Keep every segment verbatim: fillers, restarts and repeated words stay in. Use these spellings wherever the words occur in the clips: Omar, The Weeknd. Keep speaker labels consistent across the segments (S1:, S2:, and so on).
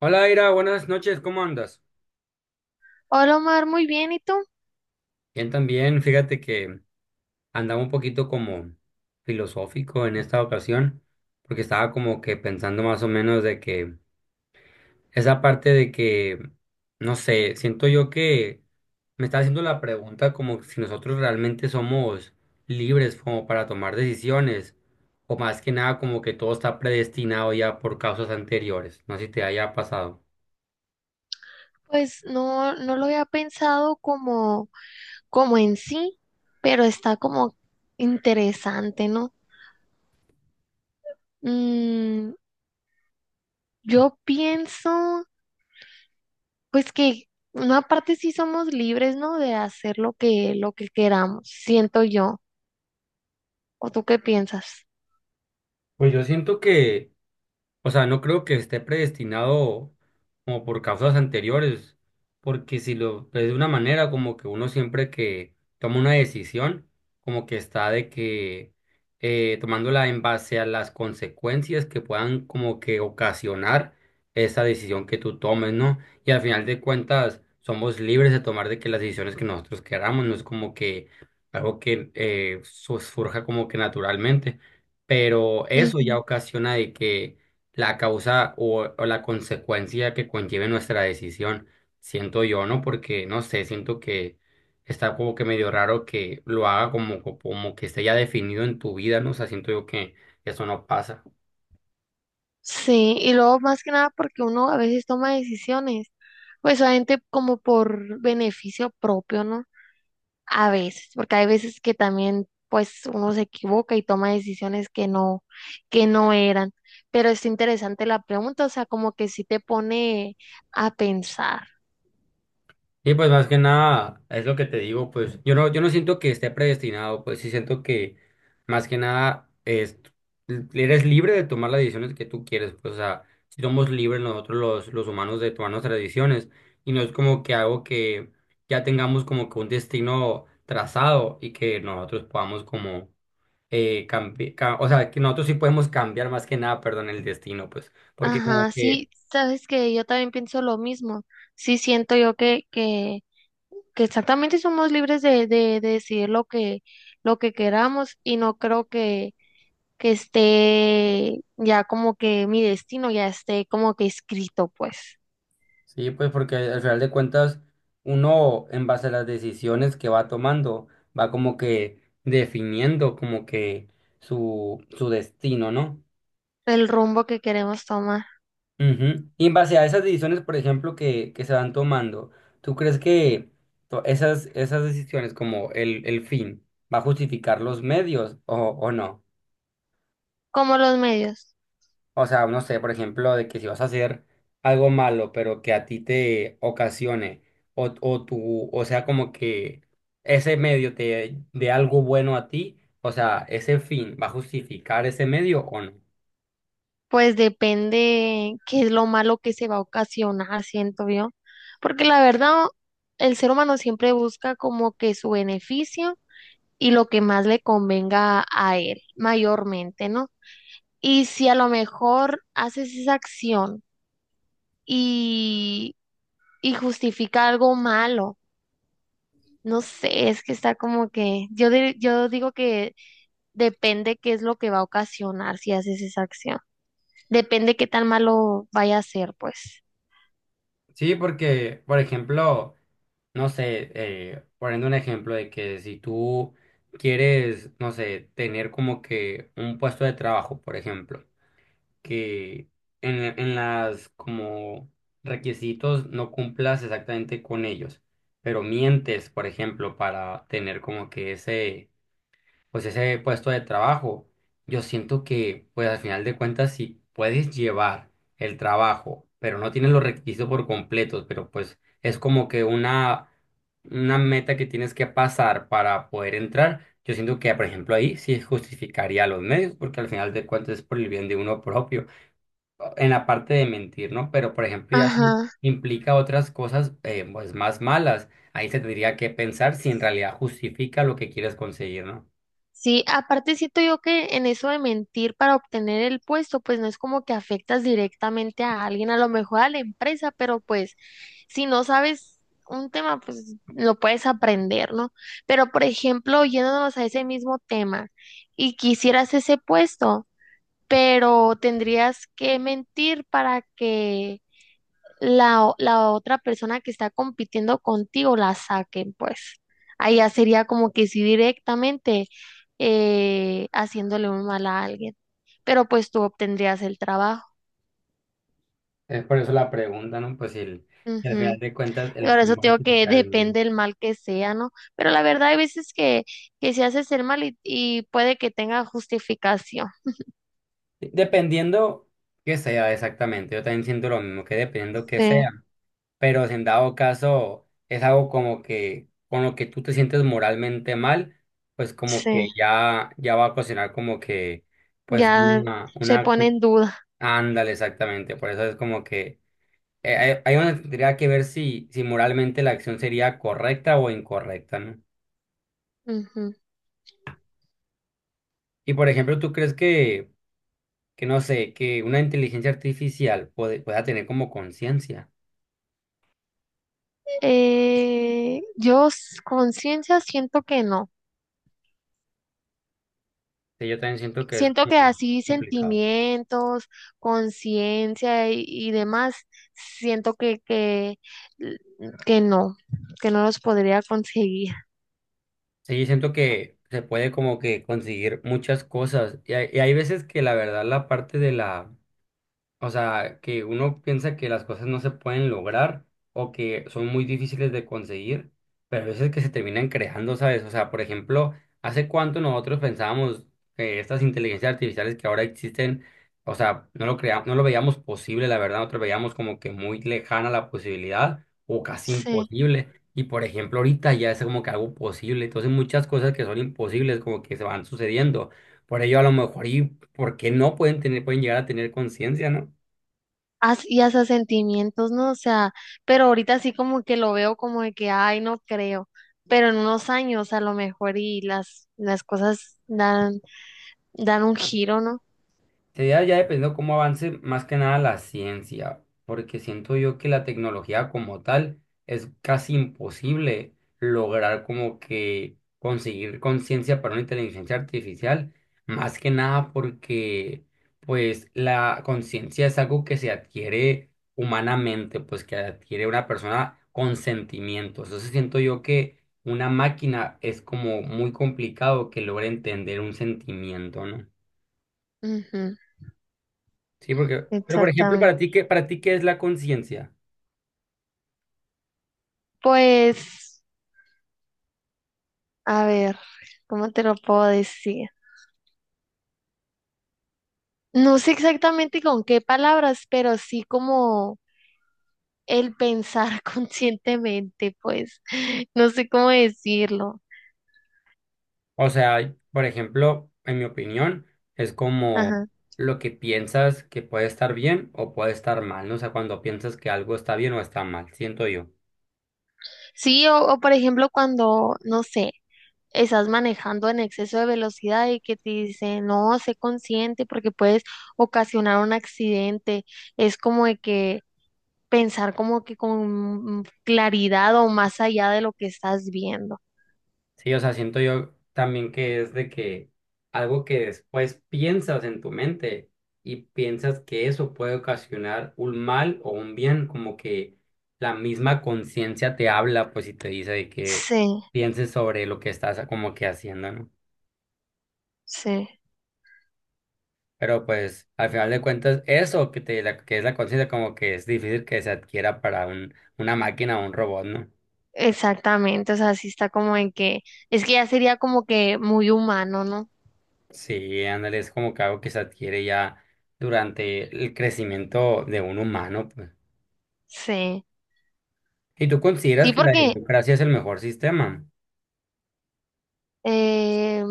S1: Hola, Ira, buenas noches, ¿cómo andas?
S2: Hola Omar, muy bien, ¿y tú?
S1: Bien, también, fíjate que andaba un poquito como filosófico en esta ocasión, porque estaba como que pensando más o menos de que esa parte de que, no sé, siento yo que me está haciendo la pregunta como si nosotros realmente somos libres como para tomar decisiones, o más que nada como que todo está predestinado ya por causas anteriores, no sé si te haya pasado.
S2: Pues no, no lo había pensado como, como en sí, pero está como interesante, ¿no? Mm, yo pienso, pues que una parte sí somos libres, ¿no? De hacer lo que, lo que queramos, siento yo. ¿O tú qué piensas?
S1: Pues yo siento que o sea, no creo que esté predestinado como por causas anteriores, porque si lo ves de una manera, como que uno siempre que toma una decisión, como que está de que eh, tomándola en base a las consecuencias que puedan como que ocasionar esa decisión que tú tomes, ¿no? Y al final de cuentas, somos libres de tomar de que las decisiones que nosotros queramos, no es como que algo que eh, su- surja como que naturalmente, pero eso
S2: Ujú.
S1: ya ocasiona de que la causa o, o la consecuencia que conlleve nuestra decisión, siento yo, ¿no? Porque, no sé, siento que está como que medio raro que lo haga como, como que esté ya definido en tu vida, ¿no? O sea, siento yo que eso no pasa.
S2: Sí, y luego más que nada porque uno a veces toma decisiones, pues obviamente como por beneficio propio, ¿no? A veces, porque hay veces que también pues uno se equivoca y toma decisiones que no, que no eran. Pero es interesante la pregunta, o sea, como que sí te pone a pensar.
S1: Sí, pues más que nada, es lo que te digo, pues yo no, yo no siento que esté predestinado, pues sí siento que más que nada es, eres libre de tomar las decisiones que tú quieres, pues o sea, si somos libres nosotros los, los humanos de tomar nuestras decisiones y no es como que algo que ya tengamos como que un destino trazado y que nosotros podamos como eh, cambiar, o sea, que nosotros sí podemos cambiar más que nada, perdón, el destino, pues, porque como
S2: Ajá,
S1: que...
S2: sí, sabes que yo también pienso lo mismo. Sí siento yo que, que, que exactamente somos libres de, de, de decidir lo que, lo que queramos y no creo que, que esté ya como que mi destino ya esté como que escrito, pues,
S1: Sí, pues porque al final de cuentas uno en base a las decisiones que va tomando va como que definiendo como que su, su destino, ¿no?
S2: el rumbo que queremos tomar.
S1: Ujú. Y en base a esas decisiones, por ejemplo, que, que se van tomando, ¿tú crees que to- esas, esas decisiones como el, el fin va a justificar los medios o, o no?
S2: Como los medios,
S1: O sea, no sé, por ejemplo, de que si vas a hacer algo malo, pero que a ti te ocasione, o, o tu o sea, como que ese medio te dé algo bueno a ti, o sea, ese fin va a justificar ese medio o no.
S2: pues depende qué es lo malo que se va a ocasionar, siento yo. Porque la verdad, el ser humano siempre busca como que su beneficio y lo que más le convenga a él, mayormente, ¿no? Y si a lo mejor haces esa acción y, y justifica algo malo, no sé, es que está como que, yo, dir- yo digo que depende qué es lo que va a ocasionar si haces esa acción. Depende qué tan malo vaya a ser, pues.
S1: Sí, porque, por ejemplo, no sé, eh, poniendo un ejemplo de que si tú quieres, no sé, tener como que un puesto de trabajo, por ejemplo, que en, en las como requisitos no cumplas exactamente con ellos, pero mientes, por ejemplo, para tener como que ese, pues ese puesto de trabajo, yo siento que, pues al final de cuentas, si puedes llevar el trabajo, pero no tienes los requisitos por completos, pero pues es como que una, una meta que tienes que pasar para poder entrar. Yo siento que, por ejemplo, ahí sí justificaría los medios, porque al final de cuentas es por el bien de uno propio en la parte de mentir, ¿no? Pero, por ejemplo, ya si
S2: Ajá.
S1: implica otras cosas, eh, pues más malas, ahí se tendría que pensar si en realidad justifica lo que quieres conseguir, ¿no?
S2: Sí, aparte siento yo que en eso de mentir para obtener el puesto, pues no es como que afectas directamente a alguien, a lo mejor a la empresa, pero pues si no sabes un tema, pues lo puedes aprender, ¿no? Pero por ejemplo, yéndonos a ese mismo tema y quisieras ese puesto, pero tendrías que mentir para que la, o- la otra persona que está compitiendo contigo la saquen, pues. Ahí ya sería como que sí directamente eh, haciéndole un mal a alguien, pero pues tú obtendrías el trabajo.
S1: Es por eso la pregunta, ¿no? Pues si, el- si al final
S2: Ujú.
S1: de cuentas el
S2: Por eso
S1: fin va a
S2: te digo que
S1: justificar el medio.
S2: depende el mal que sea, ¿no? Pero la verdad hay veces que, que se hace el mal y, y puede que tenga justificación.
S1: Dependiendo que sea exactamente, yo también siento lo mismo, que dependiendo que sea,
S2: Sí,
S1: pero si en dado caso es algo como que con lo que tú te sientes moralmente mal, pues como
S2: sí,
S1: que ya, ya va a ocasionar como que pues
S2: ya
S1: una,
S2: se
S1: una
S2: pone en duda.
S1: Ándale, exactamente. Por eso es como que eh, hay, hay donde tendría que ver si, si moralmente la acción sería correcta o incorrecta, ¿no?
S2: Ujú.
S1: Y por ejemplo, ¿tú crees que, que no sé, que una inteligencia artificial puede, pueda tener como conciencia?
S2: Eh, yo s- conciencia siento que no.
S1: Sí, yo también siento que es
S2: Siento
S1: como
S2: que así
S1: complicado.
S2: sentimientos, conciencia y, y demás, siento que, que, que no, que no los podría conseguir.
S1: Sí, yo siento que se puede como que conseguir muchas cosas. Y hay, y hay veces que la verdad la parte de la o sea, que uno piensa que las cosas no se pueden lograr o que son muy difíciles de conseguir, pero a veces que se terminan creando, ¿sabes? O sea, por ejemplo, ¿hace cuánto nosotros pensábamos que estas inteligencias artificiales que ahora existen, o sea, no lo crea- no lo veíamos posible, la verdad, nosotros veíamos como que muy lejana la posibilidad o casi
S2: Sí.
S1: imposible. Y por ejemplo, ahorita ya es como que algo posible. Entonces, muchas cosas que son imposibles como que se van sucediendo. Por ello, a lo mejor, ¿y por qué no pueden tener, pueden llegar a tener conciencia, no?
S2: As- y hasta sentimientos, ¿no? O sea, pero ahorita sí como que lo veo como de que, ay, no creo. Pero en unos años a lo mejor y las, las cosas dan, dan un giro, ¿no?
S1: Sería ya dependiendo cómo avance más que nada la ciencia, porque siento yo que la tecnología como tal es casi imposible lograr como que conseguir conciencia para una inteligencia artificial, más que nada porque pues la conciencia es algo que se adquiere humanamente, pues que adquiere una persona con sentimientos. Entonces siento yo que una máquina es como muy complicado que logre entender un sentimiento, ¿no?
S2: Ujú,
S1: Sí, porque, pero por ejemplo, para ti,
S2: exactamente.
S1: ¿qué, para ti qué es la conciencia?
S2: Pues, a ver, ¿cómo te lo puedo decir? No sé exactamente con qué palabras, pero sí como el pensar conscientemente, pues no sé cómo decirlo.
S1: O sea, por ejemplo, en mi opinión, es como
S2: Ajá.
S1: lo que piensas que puede estar bien o puede estar mal, ¿no? O sea, cuando piensas que algo está bien o está mal, siento yo.
S2: Sí, o, o por ejemplo cuando, no sé, estás manejando en exceso de velocidad y que te dicen, no, sé consciente porque puedes ocasionar un accidente. Es como de que pensar como que con claridad o más allá de lo que estás viendo.
S1: Sí, o sea, siento yo también que es de que algo que después piensas en tu mente y piensas que eso puede ocasionar un mal o un bien, como que la misma conciencia te habla, pues, y te dice de que
S2: Sí,
S1: pienses sobre lo que estás como que haciendo, ¿no?
S2: sí.
S1: Pero pues, al final de cuentas, eso que te, la- que es la conciencia, como que es difícil que se adquiera para un, una máquina o un robot, ¿no?
S2: Exactamente, o sea, sí está como en que, es que ya sería como que muy humano, ¿no?
S1: Sí, ándale, es como que algo que se adquiere ya durante el crecimiento de un humano, pues.
S2: Sí,
S1: ¿Y tú consideras
S2: sí,
S1: que la
S2: porque,
S1: democracia es el mejor sistema?
S2: eh,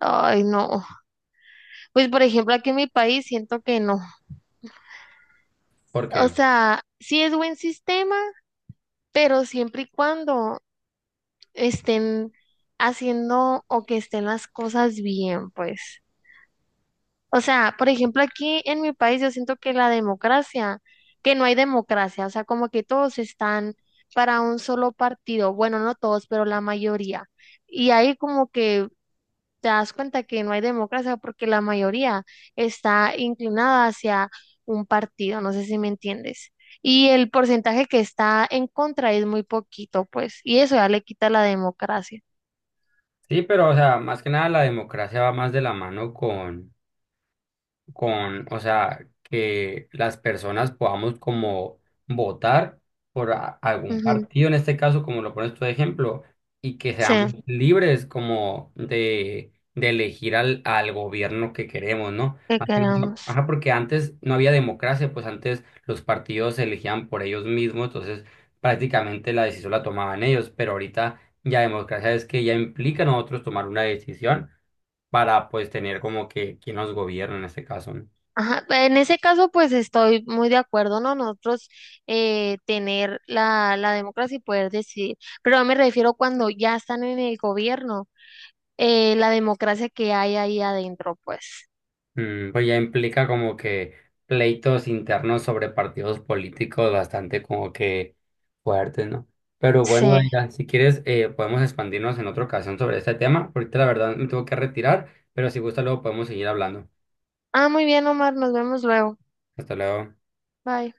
S2: ay, no, pues por ejemplo aquí en mi país siento que no,
S1: ¿Por
S2: o
S1: qué?
S2: sea, sí es buen sistema, pero siempre y cuando estén haciendo o que estén las cosas bien, pues, o sea, por ejemplo, aquí en mi país yo siento que la democracia, que no hay democracia, o sea, como que todos están para un solo partido, bueno, no todos, pero la mayoría. Y ahí como que te das cuenta que no hay democracia porque la mayoría está inclinada hacia un partido, no sé si me entiendes. Y el porcentaje que está en contra es muy poquito, pues, y eso ya le quita la democracia.
S1: Sí, pero, o sea, más que nada la democracia va más de la mano con con, o sea, que las personas podamos como votar por a- algún
S2: Ujú,
S1: partido, en este caso, como lo pones tú de ejemplo, y que
S2: sí,
S1: seamos libres como de, de elegir al, al gobierno que queremos, ¿no?
S2: que
S1: Más que nada,
S2: quedamos.
S1: ajá, porque antes no había democracia, pues antes los partidos se elegían por ellos mismos, entonces prácticamente la decisión la tomaban ellos, pero ahorita ya democracia es que ya implica a nosotros tomar una decisión para pues tener como que quien nos gobierna en este caso, ¿no?
S2: Ajá, pe- en ese caso, pues estoy muy de acuerdo, ¿no? Nosotros eh, tener la, la democracia y poder decidir, pero no me refiero cuando ya están en el gobierno, eh, la democracia que hay ahí adentro, pues.
S1: Mm, pues ya implica como que pleitos internos sobre partidos políticos bastante como que fuertes, ¿no? Pero bueno,
S2: Sí.
S1: Daira, si quieres eh, podemos expandirnos en otra ocasión sobre este tema. Ahorita la verdad me tengo que retirar, pero si gusta luego podemos seguir hablando.
S2: Ah, muy bien, Omar, nos vemos luego.
S1: Hasta luego.
S2: Bye.